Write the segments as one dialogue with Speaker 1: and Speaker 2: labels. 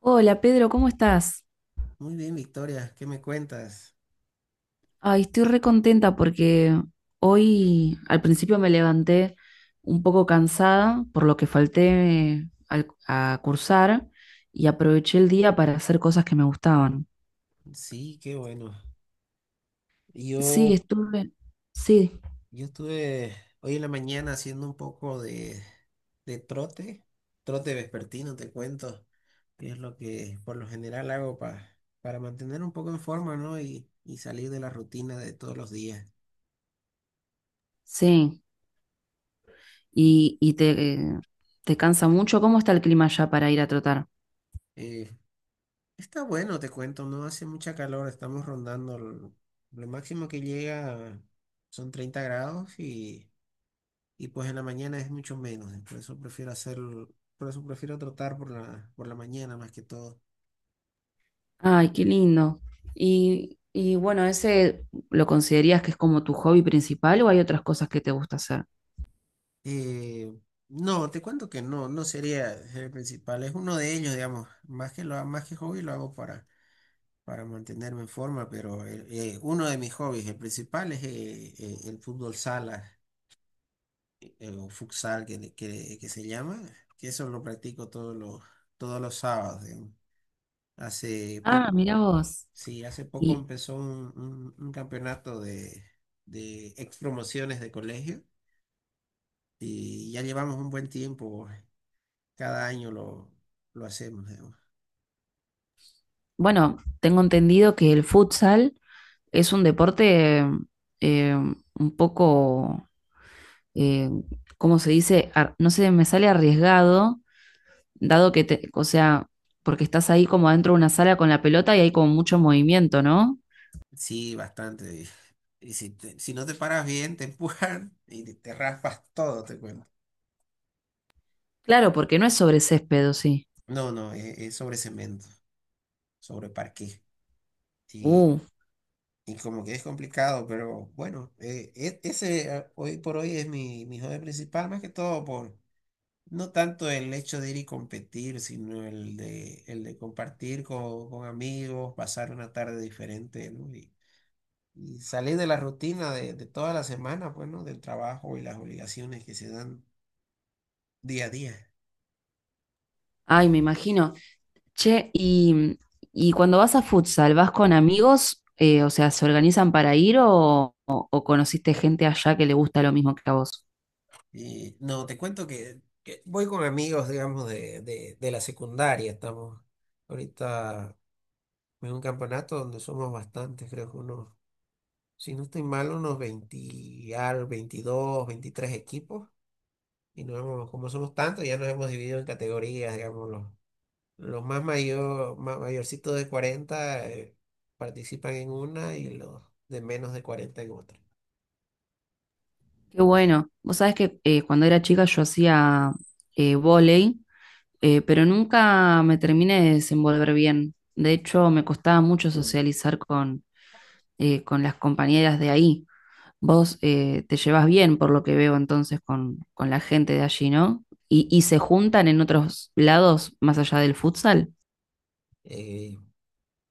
Speaker 1: Hola Pedro, ¿cómo estás?
Speaker 2: Muy bien, Victoria, ¿qué me cuentas?
Speaker 1: Ay, estoy re contenta porque hoy al principio me levanté un poco cansada por lo que a cursar y aproveché el día para hacer cosas que me gustaban.
Speaker 2: Sí, qué bueno. Yo,
Speaker 1: Sí, estuve, sí,
Speaker 2: yo estuve hoy en la mañana haciendo un poco de trote, trote vespertino, te cuento, que es lo que por lo general hago para mantener un poco en forma, ¿no? Y salir de la rutina de todos los días.
Speaker 1: sí. ¿Y te cansa mucho? ¿Cómo está el clima ya para ir a trotar?
Speaker 2: Eh, Está bueno, te cuento, no hace mucha calor, estamos rondando, lo máximo que llega son 30 grados. Y... Y pues en la mañana es mucho menos, por eso prefiero hacerlo, por eso prefiero trotar por la mañana más que todo.
Speaker 1: Ay, qué lindo. Y bueno, ¿ese lo considerías que es como tu hobby principal o hay otras cosas que te gusta hacer?
Speaker 2: Eh, no, te cuento que no, no sería el principal, es uno de ellos, digamos, más que hobby lo hago para mantenerme en forma, pero uno de mis hobbies, el principal es el fútbol sala, o futsal que se llama, que eso lo practico todos los sábados, digamos. Hace
Speaker 1: Ah,
Speaker 2: poco.
Speaker 1: mira vos.
Speaker 2: Sí, hace poco
Speaker 1: Y
Speaker 2: empezó un campeonato de ex promociones de colegio y ya llevamos un buen tiempo. Cada año lo hacemos, digamos.
Speaker 1: bueno, tengo entendido que el futsal es un deporte eh, un poco, eh, ¿cómo se dice? No sé, me sale arriesgado, o sea, porque estás ahí como adentro de una sala con la pelota y hay como mucho movimiento, ¿no?
Speaker 2: Sí, bastante. Y si no te paras bien, te empujan y te raspas todo, te cuento.
Speaker 1: Claro, porque no es sobre césped, ¿o sí?
Speaker 2: No, no, es sobre cemento, sobre parqué. Y,
Speaker 1: Uh,
Speaker 2: y como que es complicado, pero bueno, e- ese hoy por hoy es mi hobby principal, más que todo por... No tanto el hecho de ir y competir, sino el de compartir con amigos, pasar una tarde diferente, ¿no? Y salir de la rutina de toda la semana, pues, ¿no? Del trabajo y las obligaciones que se dan día a día.
Speaker 1: ay, me imagino. Che, y cuando vas a futsal, ¿vas con amigos? O sea, ¿se organizan para ir o conociste gente allá que le gusta lo mismo que a vos?
Speaker 2: Y no, te cuento que voy con amigos, digamos, de la secundaria. Estamos ahorita en un campeonato donde somos bastantes, creo que unos, si no estoy mal, unos 20, 22 23 equipos. Como somos tantos, ya nos hemos dividido en categorías, digamos, los más mayor, mayorcitos de 40, participan en una y los de menos de 40 en otra.
Speaker 1: Qué bueno. Vos sabés que cuando era chica yo hacía vóley, pero nunca me terminé de desenvolver bien. De hecho, me costaba mucho socializar con las compañeras de ahí. Vos te llevas bien, por lo que veo entonces, con la gente de allí, ¿no? Y se juntan en otros lados más allá del futsal.
Speaker 2: Eh,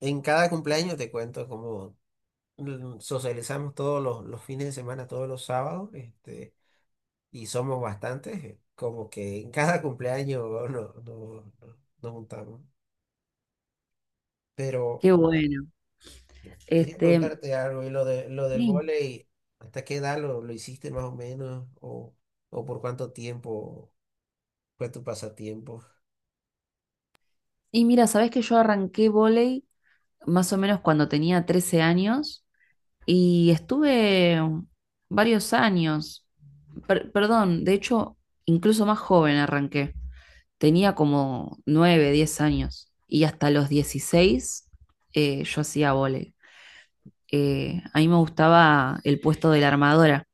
Speaker 2: en cada cumpleaños te cuento cómo socializamos todos los fines de semana, todos los sábados, y somos bastantes, como que en cada cumpleaños nos juntamos. Pero
Speaker 1: Qué bueno.
Speaker 2: quería
Speaker 1: Este,
Speaker 2: preguntarte algo, y lo del
Speaker 1: sí.
Speaker 2: vóley, ¿hasta qué edad lo hiciste más o menos? ¿O por cuánto tiempo fue tu pasatiempo?
Speaker 1: Y mira, sabés que yo arranqué vóley más o menos cuando tenía 13 años y estuve varios años. Perdón, de hecho, incluso más joven arranqué. Tenía como 9 10 años y hasta los 16 yo hacía vóley. A mí me gustaba el puesto de la armadora.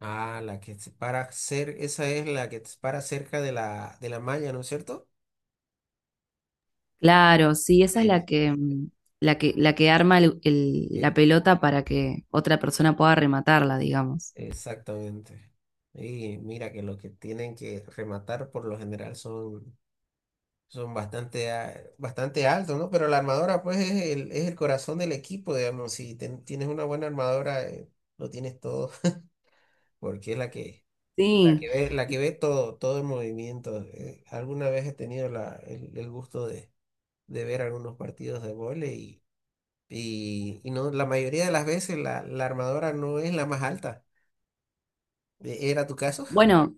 Speaker 2: Ah, la que se para ser, esa es la que te para cerca de la malla, ¿no es cierto?
Speaker 1: Claro, sí, esa es
Speaker 2: Sí,
Speaker 1: la que, mm, la que arma la
Speaker 2: el,
Speaker 1: pelota para que otra persona pueda rematarla, digamos.
Speaker 2: exactamente. Y mira que lo que tienen que rematar por lo general son, son bastante, bastante altos, ¿no? Pero la armadora pues es el corazón del equipo, digamos. Si tienes una buena armadora, lo tienes todo, porque es la que, la
Speaker 1: Sí,
Speaker 2: que ve, la que ve todo, el movimiento. Alguna vez he tenido el gusto de ver algunos partidos de vóley. Y, y no, la mayoría de las veces la armadora no es la más alta. ¿Era tu caso?
Speaker 1: bueno,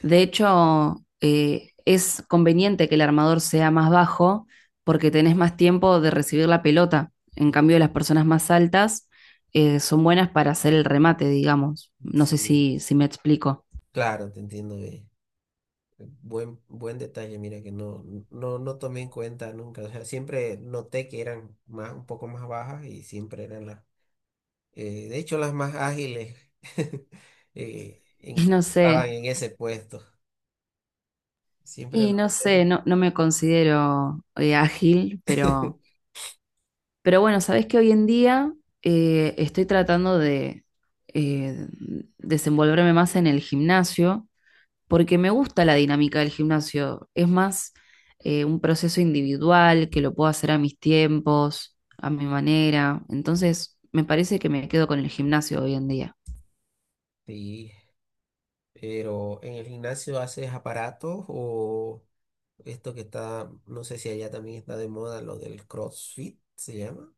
Speaker 1: de hecho, es conveniente que el armador sea más bajo porque tenés más tiempo de recibir la pelota. En
Speaker 2: Mm,
Speaker 1: cambio, las personas más altas son buenas para hacer el remate, digamos. No sé
Speaker 2: sí,
Speaker 1: si, si me explico.
Speaker 2: claro, te entiendo bien. Buen detalle, mira que no, no, no tomé en cuenta nunca. O sea, siempre noté que eran más, un poco más bajas y siempre eran las... De hecho, las más ágiles
Speaker 1: Y no
Speaker 2: estaban
Speaker 1: sé,
Speaker 2: en ese puesto. Siempre lo noté eso.
Speaker 1: no, no me considero ágil, pero bueno, sabés que hoy en día estoy tratando de eh, desenvolverme más en el gimnasio porque me gusta la dinámica del gimnasio. Es más un proceso individual que lo puedo hacer a mis tiempos, a mi manera. Entonces, me parece que me quedo con el gimnasio hoy en día.
Speaker 2: Sí, pero en el gimnasio haces aparatos o esto que está, no sé si allá también está de moda, lo del CrossFit, ¿se llama?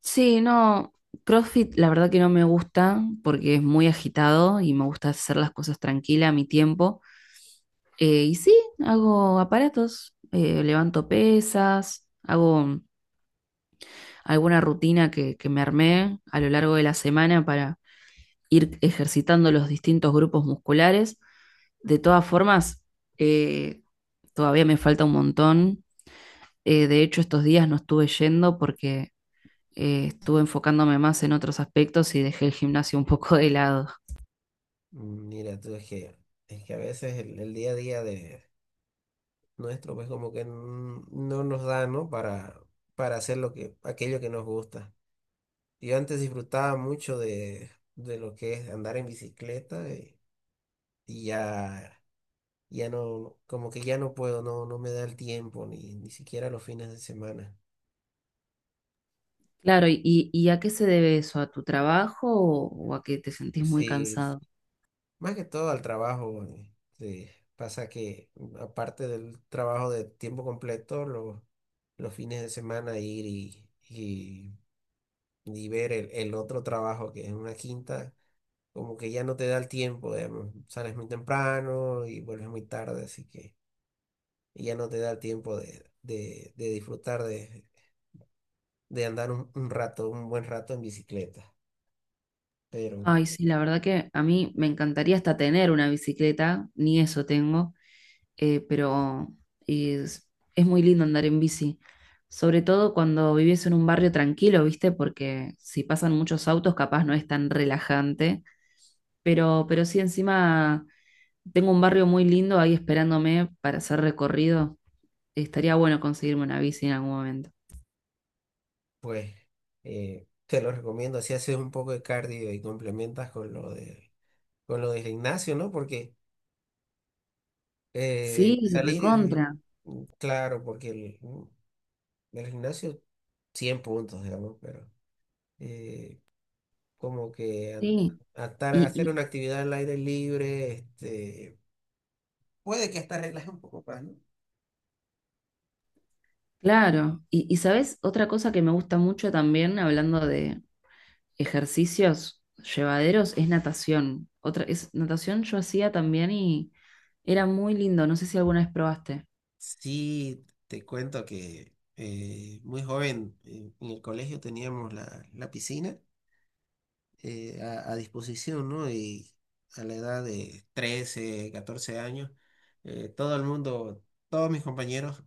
Speaker 1: Sí, no, CrossFit la verdad que no me gusta porque es muy agitado y me gusta hacer las cosas tranquila a mi tiempo. Y sí, hago aparatos, levanto pesas, hago alguna rutina que me armé a lo largo de la semana para ir ejercitando los distintos grupos musculares. De todas formas, eh, todavía me falta un montón. De hecho, estos días no estuve yendo porque estuve enfocándome más en otros aspectos y dejé el gimnasio un poco de lado.
Speaker 2: Mm, mira, tú es que a veces el día a día de nuestro, pues como que no nos da, ¿no? Para hacer aquello que nos gusta. Yo antes disfrutaba mucho de lo que es andar en bicicleta, y ya no, como que ya no puedo, no, no me da el tiempo, ni siquiera los fines de semana.
Speaker 1: Claro, ¿y a qué se debe eso? ¿A tu trabajo o a que te sentís muy
Speaker 2: Sí,
Speaker 1: cansado?
Speaker 2: más que todo al trabajo. Sí, pasa que aparte del trabajo de tiempo completo, los fines de semana ir y ver el otro trabajo que es una quinta, como que ya no te da el tiempo, digamos. Sales muy temprano y vuelves muy tarde, así que y ya no te da tiempo de disfrutar de andar un rato, un buen rato en bicicleta. Pero
Speaker 1: Ay, sí, la verdad que a mí me encantaría hasta tener una bicicleta, ni eso tengo, pero es, es muy lindo andar en bici, sobre todo cuando vivís en un barrio tranquilo, ¿viste? Porque si pasan muchos autos, capaz no es tan relajante, pero sí encima tengo un barrio muy lindo ahí esperándome para hacer recorrido. Estaría bueno conseguirme una bici en algún momento.
Speaker 2: pues te lo recomiendo, así haces un poco de cardio y complementas con lo del gimnasio, ¿no? Porque eh,
Speaker 1: Sí,
Speaker 2: salir,
Speaker 1: recontra,
Speaker 2: claro, porque el gimnasio 100 puntos, digamos, pero eh, como que
Speaker 1: sí. Y,
Speaker 2: hacer
Speaker 1: y
Speaker 2: una actividad al aire libre, puede que hasta relaje un poco más, ¿no?
Speaker 1: claro, y, y sabes, otra cosa que me gusta mucho también, hablando de, ejercicios llevaderos es natación. Natación yo hacía también y era muy lindo. No sé si alguna vez probaste.
Speaker 2: Sí, te cuento que muy joven, en el colegio teníamos la piscina, a disposición, ¿no? Y a la edad de 13, 14 años, todo el mundo, todos mis compañeros,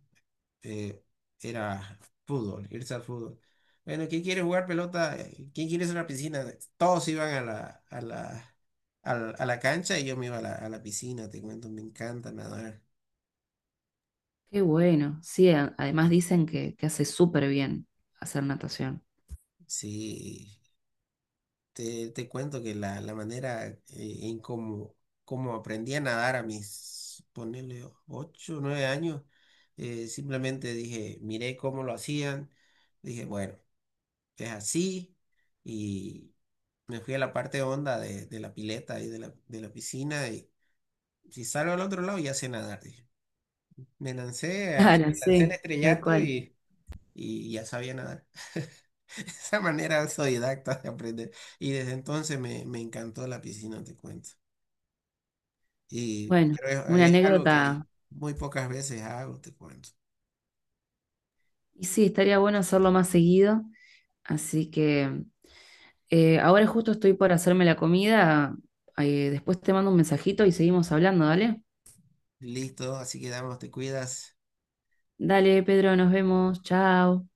Speaker 2: eh, era fútbol, irse al fútbol. Bueno, ¿quién quiere jugar pelota? ¿Quién quiere irse a la piscina? Todos iban a la cancha y yo me iba a la piscina, te cuento, me encanta nadar.
Speaker 1: Qué bueno. Sí, además
Speaker 2: Eh,
Speaker 1: dicen que hace súper bien hacer natación.
Speaker 2: Sí. Te cuento que la manera en cómo, cómo aprendí a nadar ponerle 8 9 años, simplemente dije, miré cómo lo hacían, dije, bueno, es así, y me fui a la parte honda de la pileta y de la piscina, y si salgo al otro lado ya sé nadar, dije. Me lancé,
Speaker 1: Claro,
Speaker 2: me lancé al
Speaker 1: sí, tal
Speaker 2: estrellato
Speaker 1: cual.
Speaker 2: y ya sabía nadar. Esa manera autodidacta de aprender. Y desde entonces me encantó la piscina, te cuento. Y
Speaker 1: Bueno,
Speaker 2: pero
Speaker 1: una
Speaker 2: es algo que
Speaker 1: anécdota.
Speaker 2: muy pocas veces hago, te cuento.
Speaker 1: Y sí, estaría bueno hacerlo más seguido. Así que ahora justo estoy por hacerme la comida. Después te mando un mensajito y seguimos hablando, ¿dale?
Speaker 2: Listo, así que damos, te cuidas.
Speaker 1: Dale, Pedro, nos vemos. Chao.